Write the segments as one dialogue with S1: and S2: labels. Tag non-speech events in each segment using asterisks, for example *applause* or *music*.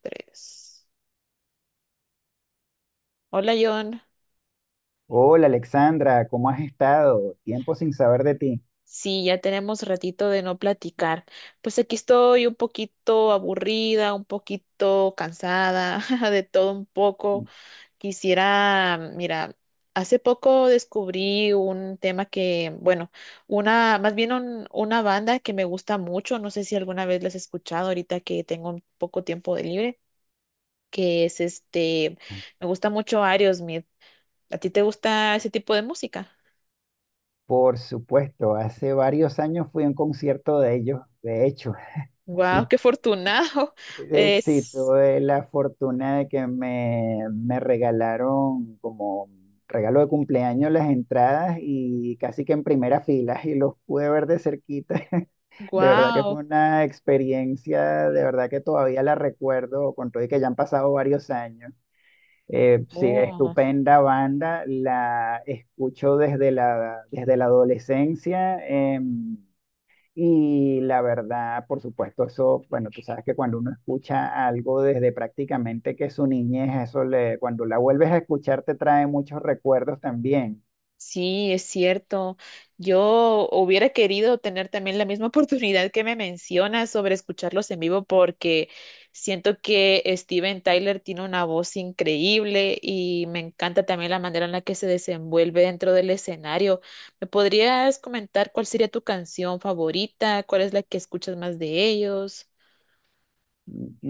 S1: Tres. Hola, John.
S2: Hola Alexandra, ¿cómo has estado? Tiempo sin saber de ti.
S1: Sí, ya tenemos ratito de no platicar. Pues aquí estoy un poquito aburrida, un poquito cansada, *laughs* de todo un poco. Quisiera, mira, hace poco descubrí un tema que, bueno, una, más bien una banda que me gusta mucho. No sé si alguna vez la has escuchado ahorita que tengo un poco tiempo de libre, que es me gusta mucho Aerosmith. ¿A ti te gusta ese tipo de música?
S2: Por supuesto, hace varios años fui a un concierto de ellos, de hecho, *laughs*
S1: Wow,
S2: sí.
S1: qué afortunado. *laughs*
S2: Sí,
S1: Es
S2: tuve la fortuna de que me regalaron como regalo de cumpleaños las entradas y casi que en primera fila y los pude ver de cerquita. *laughs* De verdad que
S1: wow.
S2: fue una experiencia, de verdad que todavía la recuerdo, con todo y que ya han pasado varios años. Sí,
S1: Oh,
S2: estupenda banda, la escucho desde desde la adolescencia. Y la verdad, por supuesto, eso, bueno, tú sabes que cuando uno escucha algo desde prácticamente que su niñez, eso le, cuando la vuelves a escuchar te trae muchos recuerdos también.
S1: sí, es cierto. Yo hubiera querido tener también la misma *laughs* oportunidad que me mencionas sobre escucharlos en vivo porque siento que Steven Tyler tiene una voz increíble y me encanta también la manera en la que se desenvuelve dentro del escenario. ¿Me podrías comentar cuál sería tu canción favorita? ¿Cuál es la que escuchas más de ellos?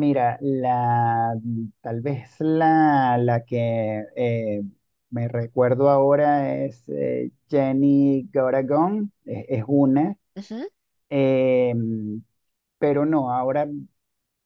S2: Mira, tal vez la que me recuerdo ahora es Jenny Goragón, es una, eh, pero no, ahora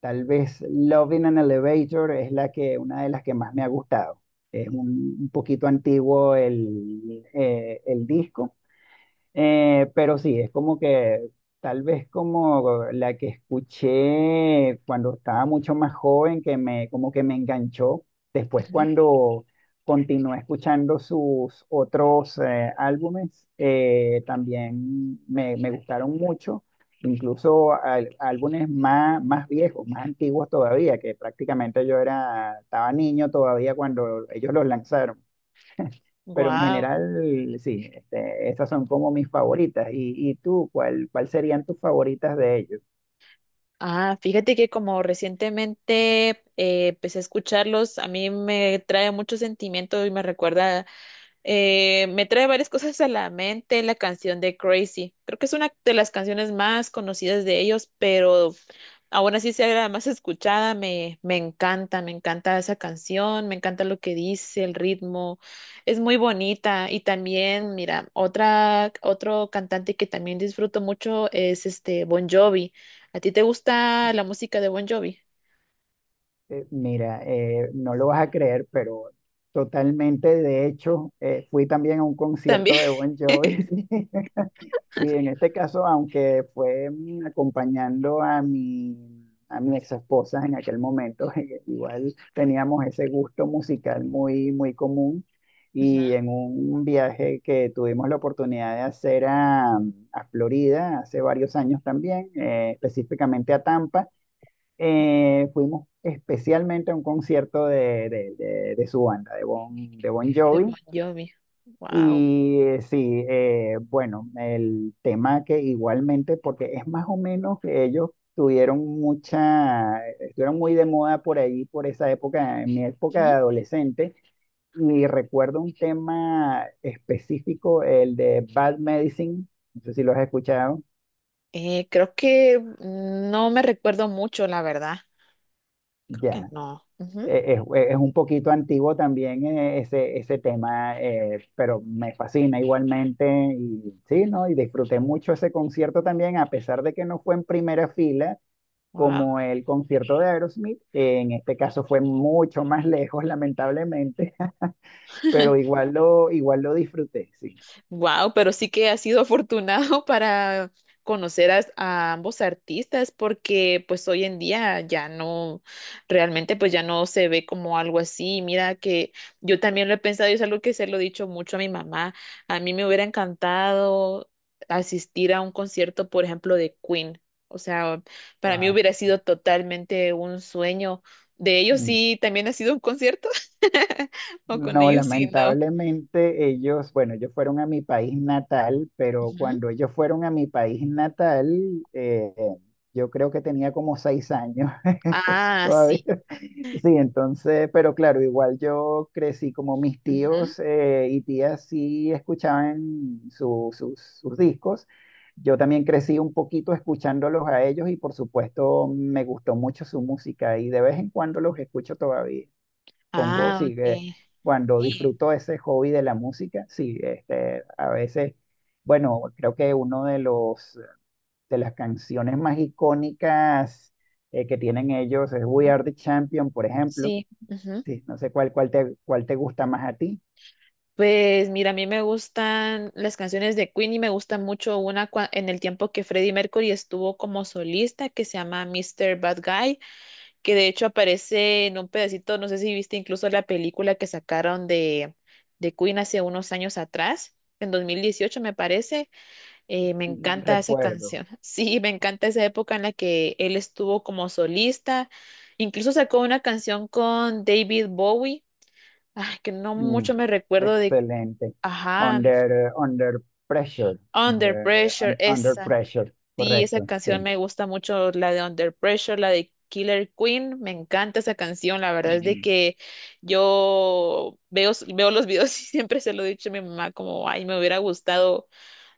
S2: tal vez Love in an Elevator es la que, una de las que más me ha gustado. Es un poquito antiguo el disco, pero sí, es como que tal vez como la que escuché cuando estaba mucho más joven, que me, como que me enganchó. Después cuando continué escuchando sus otros álbumes, también me gustaron mucho, incluso álbumes más, más viejos, más antiguos todavía, que prácticamente yo era, estaba niño todavía cuando ellos los lanzaron, pero en
S1: Wow.
S2: general, sí, este, esas son como mis favoritas. Y tú, cuál, cuál serían tus favoritas de ellos?
S1: Ah, fíjate que como recientemente empecé a escucharlos, a mí me trae mucho sentimiento y me recuerda, me trae varias cosas a la mente la canción de Crazy. Creo que es una de las canciones más conocidas de ellos, pero ahora sí ser la más escuchada, me encanta esa canción, me encanta lo que dice, el ritmo, es muy bonita. Y también, mira, otra, otro cantante que también disfruto mucho es este Bon Jovi. ¿A ti te gusta la música de Bon Jovi?
S2: Mira, no lo vas a creer, pero totalmente, de hecho, fui también a un
S1: También.
S2: concierto de
S1: *laughs*
S2: Bon Jovi. *laughs* Sí, en este caso, aunque fue acompañando a a mi ex esposa en aquel momento, *laughs* igual teníamos ese gusto musical muy, muy común.
S1: Ujú.
S2: Y en un viaje que tuvimos la oportunidad de hacer a Florida hace varios años también, específicamente a Tampa, fuimos especialmente a un concierto de su banda, de Bon
S1: De Bon
S2: Jovi.
S1: Jovi. Wow.
S2: Y sí, bueno, el tema que igualmente, porque es más o menos que ellos tuvieron mucha, estuvieron muy de moda por ahí, por esa época, en mi época de adolescente, y recuerdo un tema específico, el de Bad Medicine, no sé si lo has escuchado,
S1: Creo que no me recuerdo mucho, la verdad. Creo que
S2: ya,
S1: no.
S2: es un poquito antiguo también ese, ese tema, pero me fascina igualmente y sí, ¿no? Y disfruté mucho ese concierto también, a pesar de que no fue en primera fila
S1: Wow.
S2: como el concierto de Aerosmith, que en este caso fue mucho más lejos, lamentablemente, *laughs* pero igual lo disfruté, sí.
S1: Wow, pero sí que has sido afortunado *laughs* para conocer a ambos artistas, porque pues hoy en día ya no, realmente pues ya no se ve como algo así. Mira que yo también lo he pensado y es algo que se lo he dicho mucho a mi mamá. A mí me hubiera encantado asistir a un concierto, por ejemplo, de Queen. O sea, para mí
S2: Wow.
S1: hubiera sido totalmente un sueño. De ellos sí, también ha sido un concierto *laughs* o con
S2: No,
S1: ellos sí, no.
S2: lamentablemente ellos, bueno, ellos fueron a mi país natal, pero
S1: Ujú.
S2: cuando ellos fueron a mi país natal, yo creo que tenía como 6 años, *laughs* entonces
S1: Ah, sí.
S2: todavía, *laughs* sí, entonces, pero claro, igual yo crecí como mis
S1: Ujú.
S2: tíos y tías sí escuchaban sus discos. Yo también crecí un poquito escuchándolos a ellos y por supuesto me gustó mucho su música y de vez en cuando los escucho todavía, pongo,
S1: Ah,
S2: sí, que
S1: ok.
S2: cuando
S1: Sí.
S2: disfruto ese hobby de la música, sí, este, a veces, bueno, creo que uno de de las canciones más icónicas que tienen ellos es We
S1: Ujú.
S2: Are the Champion, por ejemplo.
S1: Sí. Ujú.
S2: Sí, no sé cuál, cuál te gusta más a ti.
S1: Pues mira, a mí me gustan las canciones de Queen y me gusta mucho una en el tiempo que Freddie Mercury estuvo como solista que se llama Mister Bad Guy, que de hecho aparece en un pedacito, no sé si viste incluso la película que sacaron de Queen hace unos años atrás, en 2018 me parece. Me
S2: Mm,
S1: encanta esa
S2: recuerdo.
S1: canción. *laughs* Sí, me encanta esa época en la que él estuvo como solista. Incluso sacó una canción con David Bowie. Ay, que no
S2: Mm,
S1: mucho me recuerdo de.
S2: excelente.
S1: Ajá,
S2: Under pressure.
S1: Under Pressure,
S2: Under
S1: esa.
S2: pressure,
S1: Sí, esa
S2: correcto, sí.
S1: canción me gusta mucho, la de Under Pressure, la de Killer Queen. Me encanta esa canción. La verdad es de que yo veo los videos *laughs* y siempre se lo he dicho a mi mamá, como, ay, me hubiera gustado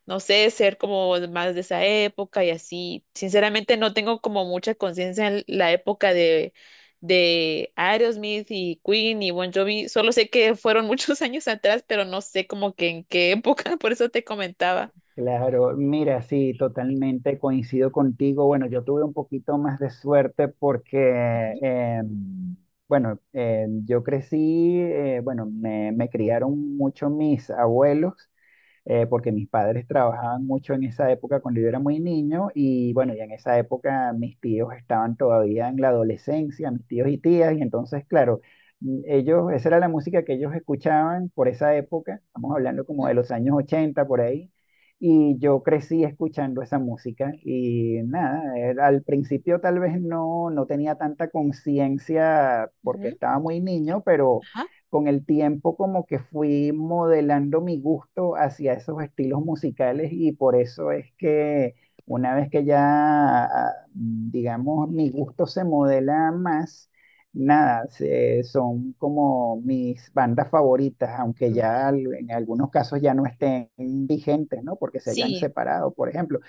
S1: no sé, ser como más de esa época y así. Sinceramente no tengo como mucha conciencia en la época de Aerosmith y Queen y Bon Jovi. Solo sé que fueron muchos *laughs* años atrás, pero no sé como que en qué época, *laughs* por eso te comentaba.
S2: Claro, mira, sí, totalmente coincido contigo. Bueno, yo tuve un poquito más de suerte porque,
S1: Ujú,
S2: bueno, yo crecí, bueno, me criaron mucho mis abuelos porque mis padres trabajaban mucho en esa época cuando yo era muy niño y bueno, y en esa época mis tíos estaban todavía en la adolescencia, mis tíos y tías, y entonces, claro, ellos, esa era la música que ellos escuchaban por esa época, estamos hablando como
S1: ujú,
S2: de los años 80 por ahí. Y yo crecí escuchando esa música y nada, al principio tal vez no, no tenía tanta conciencia porque
S1: ujú,
S2: estaba muy niño, pero
S1: ajá.
S2: con el tiempo como que fui modelando mi gusto hacia esos estilos musicales y por eso es que una vez que ya, ah, digamos, mi gusto se modela más, nada, son como mis bandas favoritas, aunque
S1: Turban.
S2: ya en algunos casos ya no estén vigentes, ¿no? Porque se hayan
S1: Sí.
S2: separado, por ejemplo.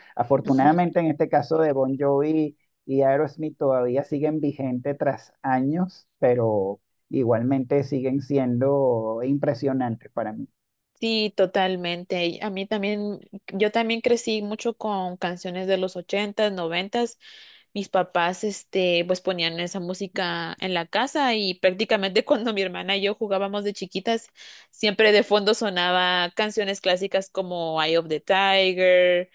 S1: Ujú.
S2: Afortunadamente en este caso de Bon Jovi y Aerosmith todavía siguen vigentes tras años, pero igualmente siguen siendo impresionantes para mí.
S1: Sí, totalmente. Y a mí también, yo también crecí mucho con canciones de los ochentas, noventas, mis papás, pues ponían esa música en la casa y prácticamente *laughs* cuando mi hermana y yo jugábamos de chiquitas, siempre de fondo sonaba canciones clásicas como Eye of the Tiger,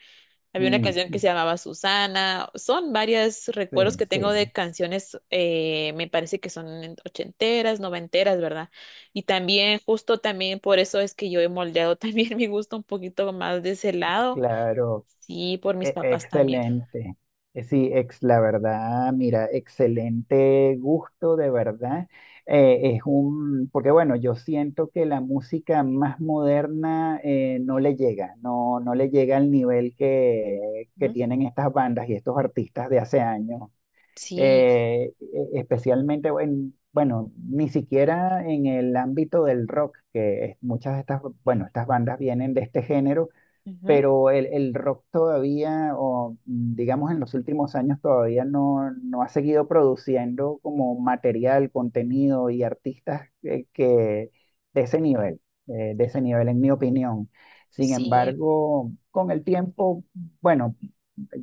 S1: había una
S2: Mm,
S1: canción que se llamaba Susana, son varios
S2: sí,
S1: recuerdos que tengo de
S2: sí,
S1: canciones, me parece que son ochenteras, noventeras, ¿verdad? Y también, justo también por eso es que yo he moldeado *laughs* también mi gusto un poquito más de ese lado.
S2: claro,
S1: Sí, por mis papás también.
S2: Excelente. La verdad, mira, excelente gusto, de verdad. Es un, porque bueno, yo siento que la música más moderna no le llega, no, no le llega al nivel que
S1: Ujú.
S2: tienen estas bandas y estos artistas de hace años.
S1: Sí.
S2: Especialmente, bueno, ni siquiera en el ámbito del rock, muchas de estas, bueno, estas bandas vienen de este género,
S1: Ujú.
S2: pero el rock todavía, o digamos en los últimos años, todavía no, no ha seguido produciendo como material, contenido y artistas que, de ese nivel, de ese nivel, en mi opinión. Sin
S1: Sí.
S2: embargo, con el tiempo, bueno,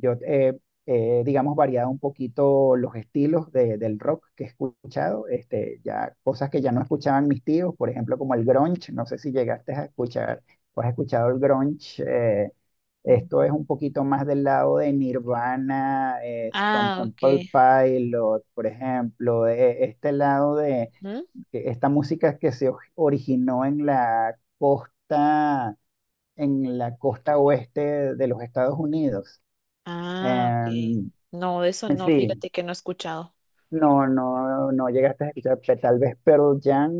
S2: yo he, digamos, variado un poquito los estilos del rock que he escuchado, este, ya cosas que ya no escuchaban mis tíos, por ejemplo, como el grunge, no sé si llegaste a escuchar o has escuchado el grunge, esto es
S1: Ujú.
S2: un poquito más del lado de Nirvana, Stone
S1: Ah, ok.
S2: Temple Pilot, por ejemplo, este lado de
S1: Ujú.
S2: que esta música que se originó en la costa oeste de los Estados Unidos.
S1: Ah, ok.
S2: Em,
S1: No, de eso no,
S2: sí,
S1: fíjate que no he escuchado.
S2: no, no, no llegaste a escuchar, tal vez Pearl Jam,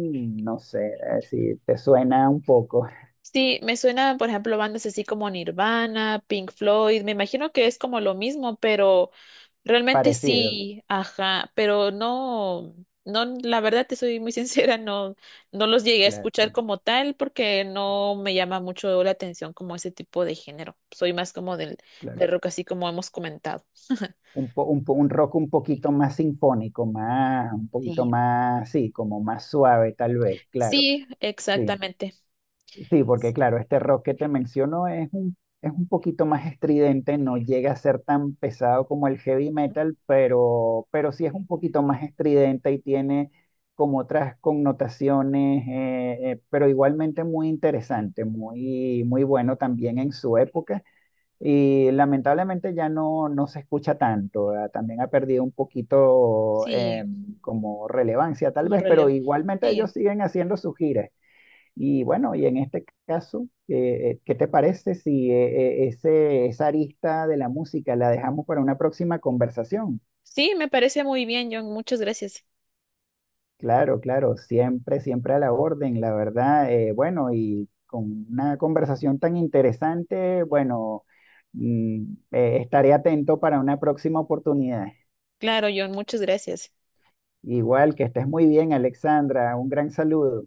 S2: no sé, si te suena un poco *laughs*
S1: Sí, me suenan, por ejemplo, bandas así como Nirvana, Pink Floyd. Me imagino que es como lo mismo, pero realmente
S2: parecido,
S1: sí, ajá, pero no, no, la verdad te soy muy sincera, no, no los llegué a escuchar
S2: claro,
S1: como tal porque no me llama mucho la atención como ese tipo de género. Soy más como del,
S2: claro.
S1: del rock, así como hemos comentado.
S2: Un rock un poquito más sinfónico, más, un poquito
S1: Sí.
S2: más, sí, como más suave, tal vez, claro,
S1: Sí,
S2: sí.
S1: exactamente.
S2: Sí, porque claro, este rock que te menciono es un poquito más estridente, no llega a ser tan pesado como el heavy metal, pero sí es un poquito más estridente y tiene como otras connotaciones, pero igualmente muy interesante, muy, muy bueno también en su época. Y lamentablemente ya no, no se escucha tanto, ¿verdad? También ha perdido un poquito
S1: Sí,
S2: como relevancia tal
S1: como
S2: vez, pero
S1: relevo.
S2: igualmente
S1: Sí,
S2: ellos siguen haciendo sus giras. Y bueno, y en este caso, ¿qué te parece si ese, esa arista de la música la dejamos para una próxima conversación?
S1: sí, me parece muy bien, John. Muchas gracias.
S2: Claro, claro, siempre, siempre a la orden, la verdad. Bueno, y con una conversación tan interesante, bueno, mm, estaré atento para una próxima oportunidad.
S1: Claro, John, muchas gracias.
S2: Igual que estés muy bien, Alexandra, un gran saludo.